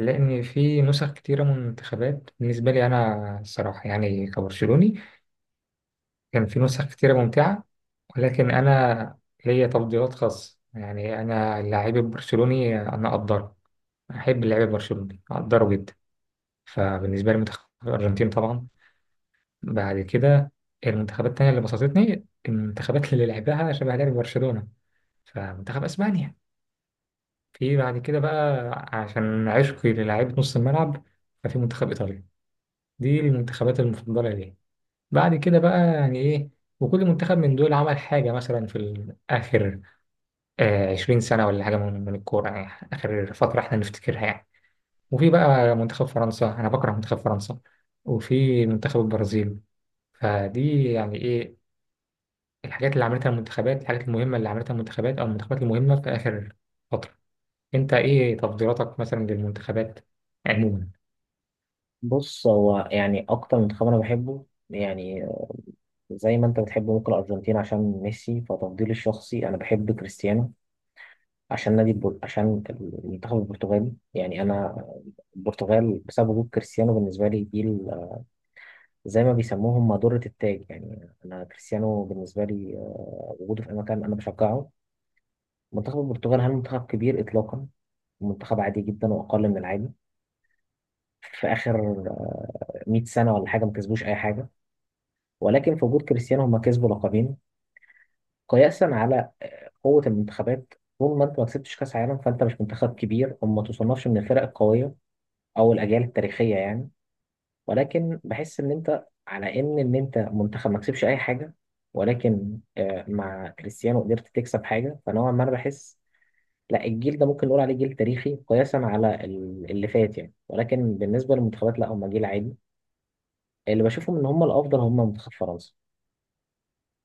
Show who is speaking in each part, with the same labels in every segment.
Speaker 1: لأن في نسخ كتيرة من المنتخبات، بالنسبة لي أنا الصراحة يعني كبرشلوني، كان في نسخ كتيرة ممتعة. ولكن أنا ليا تفضيلات خاصة. يعني أنا اللاعب البرشلوني أنا أقدره، أحب اللاعب البرشلوني أقدره جدا. فبالنسبة لي منتخب الأرجنتين طبعا، بعد كده المنتخبات التانية اللي بسطتني المنتخبات اللي لعبها شبه لعب برشلونة، فمنتخب أسبانيا. في بعد كده بقى عشان عشقي للاعيبة نص الملعب، ففي منتخب إيطاليا. دي المنتخبات المفضلة ليه. بعد كده بقى يعني إيه، وكل منتخب من دول عمل حاجة مثلا في آخر 20 سنة ولا حاجة من الكورة، يعني آخر فترة إحنا نفتكرها يعني. وفي بقى منتخب فرنسا، أنا بكره منتخب فرنسا، وفي منتخب البرازيل. فدي يعني إيه، الحاجات اللي عملتها المنتخبات، الحاجات المهمة اللي عملتها المنتخبات، أو المنتخبات المهمة في آخر فترة. أنت إيه تفضيلاتك مثلا للمنتخبات عموما؟
Speaker 2: بص، هو يعني أكتر منتخب أنا بحبه يعني زي ما أنت بتحب ممكن الأرجنتين عشان ميسي. فتفضيلي الشخصي أنا بحب كريستيانو عشان المنتخب البرتغالي يعني. أنا البرتغال بسبب وجود كريستيانو، بالنسبة لي زي ما بيسموهم مادورة التاج. يعني أنا كريستيانو بالنسبة لي، وجوده في أي مكان أنا بشجعه. منتخب البرتغال، هل منتخب كبير إطلاقا؟ منتخب عادي جدا وأقل من العادي، في آخر 100 سنة ولا حاجة ما كسبوش أي حاجة، ولكن في وجود كريستيانو هم كسبوا لقبين قياسا على قوة المنتخبات. طول ما انت ما كسبتش كأس عالم فانت مش منتخب كبير وما تصنفش من الفرق القوية او الاجيال التاريخية يعني. ولكن بحس ان انت على ان انت منتخب ما كسبش اي حاجة، ولكن مع كريستيانو قدرت تكسب حاجة. فنوعا ما انا بحس، لا، الجيل ده ممكن نقول عليه جيل تاريخي قياسا على اللي فات يعني، ولكن بالنسبة للمنتخبات لا، هم جيل عادي. اللي بشوفهم ان هم الافضل هم منتخب فرنسا.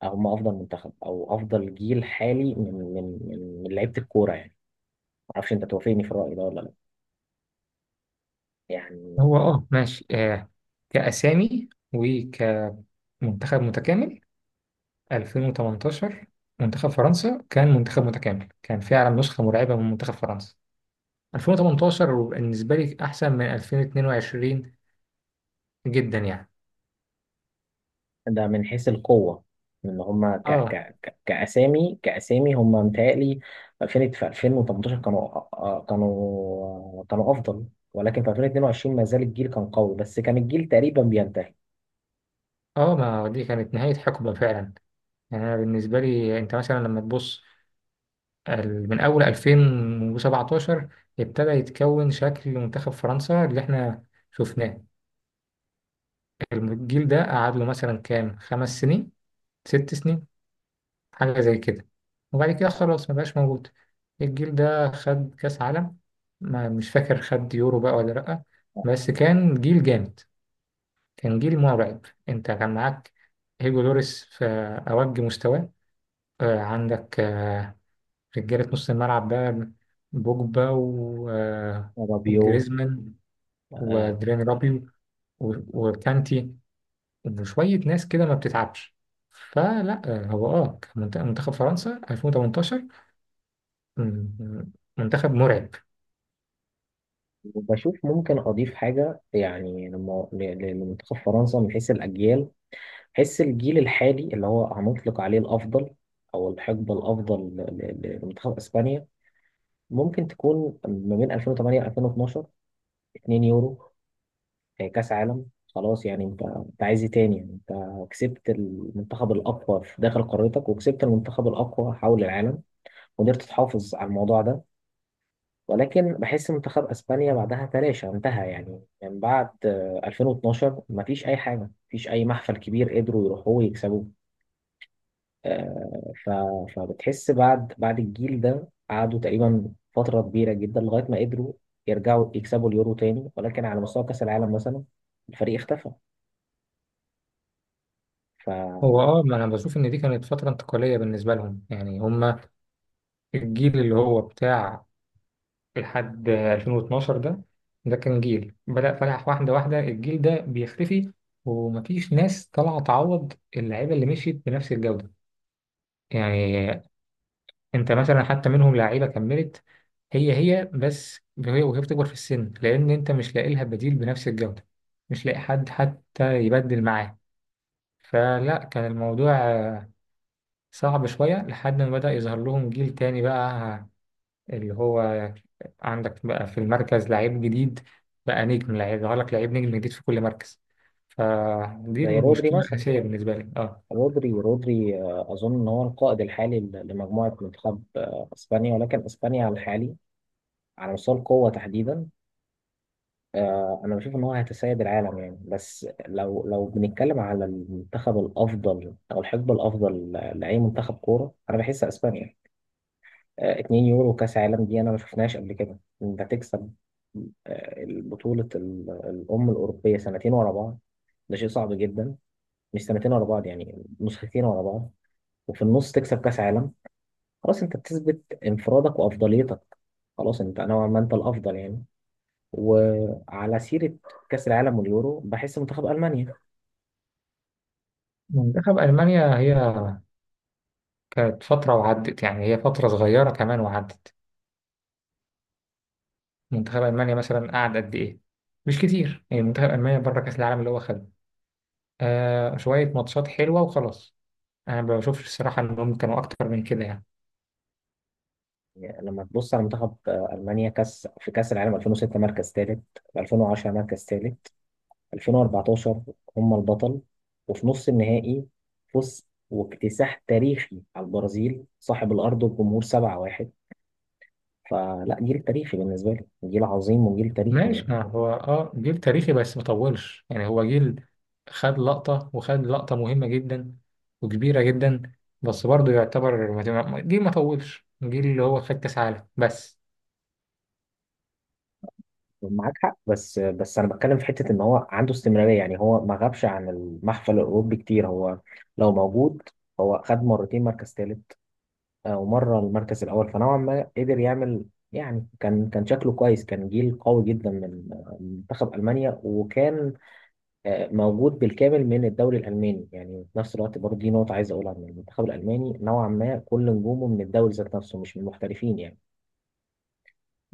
Speaker 2: هم افضل منتخب او افضل جيل حالي من لعيبة الكورة يعني. معرفش انت توافقني في الرأي ده ولا لا يعني.
Speaker 1: هو ماشي. كأسامي وكمنتخب متكامل، 2018 منتخب فرنسا كان منتخب متكامل، كان فعلا نسخة مرعبة من منتخب فرنسا. 2018 بالنسبة لي أحسن من 2022 جدا يعني.
Speaker 2: ده من حيث القوة، ان هما ك
Speaker 1: اه
Speaker 2: ك ك كأسامي كأسامي هما متهيألي 2000. في 2018 كانوا، كانوا أفضل، ولكن في 2022 ما زال الجيل كان قوي، بس كان الجيل تقريبا بينتهي.
Speaker 1: اه ما هو دي كانت نهاية حقبة فعلا. يعني أنا بالنسبة لي، أنت مثلا لما تبص من أول 2017 ابتدى يتكون شكل منتخب فرنسا اللي احنا شفناه. الجيل ده قعد له مثلا كام، خمس سنين، ست سنين، حاجة زي كده، وبعد كده خلاص ما بقاش موجود. الجيل ده خد كأس عالم، ما مش فاكر خد يورو بقى ولا لأ، بس كان جيل جامد، كان جيل مرعب. انت كان معاك هيجو لوريس في أوج مستواه، عندك رجالة نص الملعب بقى، بوجبا
Speaker 2: رابيو،
Speaker 1: وجريزمان
Speaker 2: آه،
Speaker 1: ودرين رابيو و- وكانتي. إنه شوية ناس كده ما بتتعبش. فلا، هو كان منتخب فرنسا 2018 م- منتخب مرعب.
Speaker 2: وبشوف ممكن أضيف حاجة يعني لمنتخب فرنسا من حيث الأجيال، حيث الجيل الحالي اللي هو هنطلق عليه الأفضل أو الحقبة الأفضل لمنتخب إسبانيا. ممكن تكون ما بين 2008 2012. 2 يورو، كاس عالم، خلاص. يعني انت عايز ايه تاني يعني؟ انت كسبت المنتخب الاقوى في داخل قارتك وكسبت المنتخب الاقوى حول العالم، وقدرت تحافظ على الموضوع ده. ولكن بحس منتخب اسبانيا بعدها تلاشى، انتهى يعني. من بعد 2012 مفيش اي حاجه، مفيش اي محفل كبير قدروا يروحوه ويكسبوه. آه، ف... فبتحس بعد الجيل ده قعدوا تقريبا فترة كبيرة جدا لغاية ما قدروا يرجعوا يكسبوا اليورو تاني، ولكن على مستوى كأس العالم مثلا الفريق اختفى، ف...
Speaker 1: هو ما انا بشوف ان دي كانت فترة انتقالية بالنسبة لهم. يعني هم الجيل اللي هو بتاع لحد 2012 ده، كان جيل بدأ فلاح واحدة واحدة الجيل ده بيختفي، ومفيش ناس طالعة تعوض اللعيبة اللي مشيت بنفس الجودة يعني. انت مثلا حتى منهم لعيبه كملت، هي بس، هي وهي بتكبر في السن، لان انت مش لاقي لها بديل بنفس الجوده، مش لاقي حد حتى يبدل معاه. فلا، كان الموضوع صعب شويه لحد ما بدا يظهر لهم جيل تاني بقى، اللي هو عندك بقى في المركز لعيب جديد، بقى نجم، لعيب يظهر لك لعيب نجم جديد في كل مركز. فدي
Speaker 2: زي رودري
Speaker 1: المشكله
Speaker 2: مثلا.
Speaker 1: الاساسيه بالنسبه لي اه
Speaker 2: رودري، أظن إن هو القائد الحالي لمجموعة منتخب إسبانيا. ولكن إسبانيا على الحالي، على مستوى القوة تحديدا، أنا بشوف إن هو هيتسيد العالم يعني. بس لو بنتكلم على المنتخب الأفضل أو الحقبة الأفضل لأي منتخب كورة، أنا بحس إسبانيا. 2 يورو كاس عالم، دي انا ما شفناش قبل كده. انت تكسب البطولة الأم الأوروبية سنتين ورا بعض، ده شيء صعب جدا. مش سنتين ورا بعض يعني، نسختين ورا بعض. وفي النص تكسب كأس عالم. خلاص أنت بتثبت انفرادك وأفضليتك. خلاص أنت نوعا ما أنت الأفضل يعني. وعلى سيرة كأس العالم واليورو، بحس منتخب ألمانيا.
Speaker 1: منتخب المانيا، هي كانت فتره وعدت، يعني هي فتره صغيره كمان وعدت. منتخب ألمانيا مثلا قعد قد إيه؟ مش كتير. يعني منتخب ألمانيا بره كأس العالم اللي هو خده، شوية ماتشات حلوة وخلاص، أنا ما بشوفش الصراحة إنهم كانوا أكتر من كده يعني.
Speaker 2: يعني لما تبص على منتخب ألمانيا، كأس في كأس العالم 2006 مركز ثالث، 2010 مركز ثالث، 2014 هم البطل. وفي نص النهائي فوز واكتساح تاريخي على البرازيل صاحب الأرض والجمهور 7-1. فلا، جيل تاريخي بالنسبة لي، جيل عظيم وجيل تاريخي.
Speaker 1: ماشي، ما هو جيل تاريخي، بس ما طولش. يعني هو جيل خد لقطة، وخد لقطة مهمة جدا وكبيرة جدا، بس برضه يعتبر جيل ما طولش، جيل اللي هو خد كأس عالم بس.
Speaker 2: معاك حق، بس بس أنا بتكلم في حتة إن هو عنده استمرارية يعني. هو ما غابش عن المحفل الأوروبي كتير، هو لو موجود. هو خد مرتين مركز ثالث ومرة المركز الأول، فنوعا ما قدر يعمل يعني. كان شكله كويس، كان جيل قوي جدا من منتخب ألمانيا، وكان موجود بالكامل من الدوري الألماني. يعني في نفس الوقت برضه دي نقطة عايز أقولها، إن المنتخب الألماني نوعا ما كل نجومه من الدوري ذات نفسه، مش من المحترفين يعني.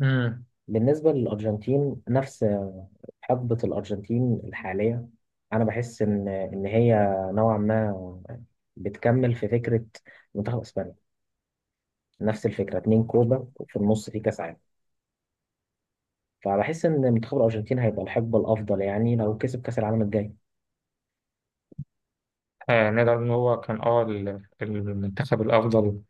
Speaker 1: امم
Speaker 2: بالنسبة للأرجنتين، نفس حقبة الأرجنتين الحالية، أنا بحس إن هي نوعا ما بتكمل في فكرة منتخب إسبانيا. نفس الفكرة، اتنين كوبا وفي النص في كأس عالم. فبحس إن منتخب الأرجنتين هيبقى الحقبة الأفضل يعني، لو كسب كأس العالم الجاي.
Speaker 1: آه، نقدر إن هو كان المنتخب الأفضل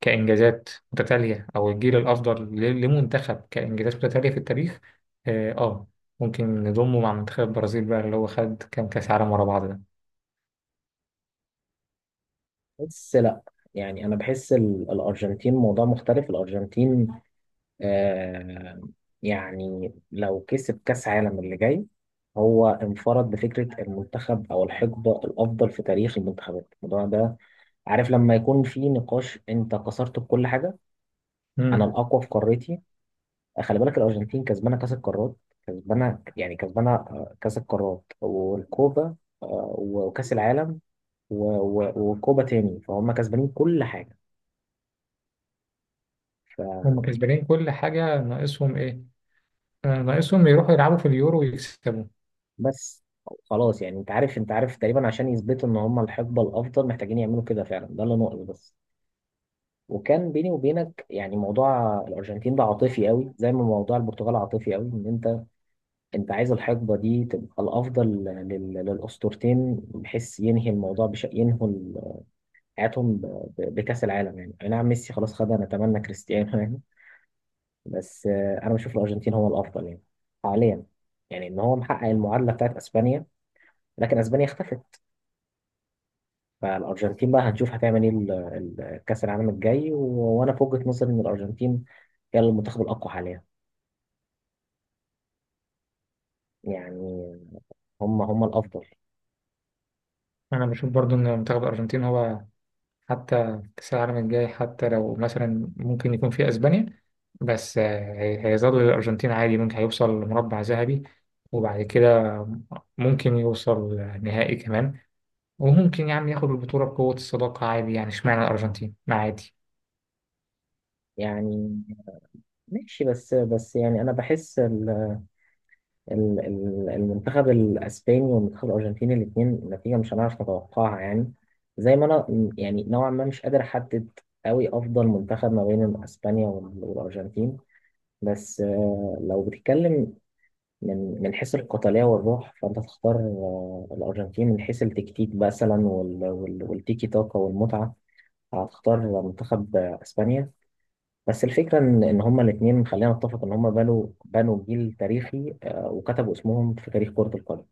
Speaker 1: كإنجازات متتالية، أو الجيل الأفضل لمنتخب كإنجازات متتالية في التاريخ. آه, آه ممكن نضمه مع منتخب البرازيل بقى اللي هو خد كام كأس عالم ورا بعض ده.
Speaker 2: بس لا، يعني انا بحس الارجنتين موضوع مختلف. الارجنتين، آه يعني لو كسب كاس عالم اللي جاي، هو انفرد بفكره المنتخب او الحقبه الافضل في تاريخ المنتخبات. الموضوع ده، عارف لما يكون في نقاش انت كسرت بكل حاجه. انا
Speaker 1: مم.
Speaker 2: الاقوى في قارتي. خلي بالك الارجنتين كسبانه كاس القارات، كسبانه يعني، كسبانه كاس القارات والكوبا، وكاس العالم و- وكوبا تاني. فهم كسبانين كل حاجه.
Speaker 1: هم كسبانين كل حاجة، ناقصهم إيه؟ آه، ناقصهم يروحوا يلعبوا في اليورو ويكسبوا.
Speaker 2: فبس، خلاص يعني انت عارف تقريبا عشان يثبتوا ان هم الحقبه الافضل محتاجين يعملوا كده فعلا، ده اللي ناقص بس. وكان بيني وبينك يعني موضوع الارجنتين ده عاطفي قوي، زي ما موضوع البرتغال عاطفي قوي، ان انت عايز الحقبه دي تبقى الافضل للاسطورتين، بحيث ينهي الموضوع ينهوا حياتهم، بكاس العالم يعني. اي نعم، ميسي خلاص خدها، نتمنى كريستيانو يعني. بس انا بشوف الارجنتين هو الافضل يعني حاليا. يعني ان هو محقق المعادله بتاعت اسبانيا، لكن اسبانيا اختفت. فالارجنتين بقى هنشوف هتعمل ايه كاس العالم الجاي. وانا في وجهة نظري ان الارجنتين هي المنتخب الاقوى حاليا يعني. هم الافضل
Speaker 1: أنا بشوف برضو إن منتخب الأرجنتين هو، حتى كأس العالم الجاي، حتى لو مثلا ممكن يكون في أسبانيا، بس آه، هيظل الأرجنتين عادي، ممكن هيوصل لمربع ذهبي، وبعد كده ممكن يوصل نهائي كمان، وممكن يا عم ياخد البطولة بقوة الصداقة عادي. يعني اشمعنى الأرجنتين ما عادي.
Speaker 2: يعني. ماشي، بس بس يعني انا بحس ال المنتخب الاسباني والمنتخب الارجنتيني، الاثنين نتيجه مش هنعرف نتوقعها يعني. زي ما انا، يعني نوعا ما مش قادر احدد قوي افضل منتخب ما بين اسبانيا والارجنتين. بس لو بتتكلم من حيث القتالية والروح فأنت تختار الأرجنتين. من حيث التكتيك مثلا والتيكي تاكا والمتعة، هتختار منتخب إسبانيا. بس الفكرة إن هما الاتنين، خلينا نتفق إن هما بنوا جيل تاريخي وكتبوا اسمهم في تاريخ كرة القدم.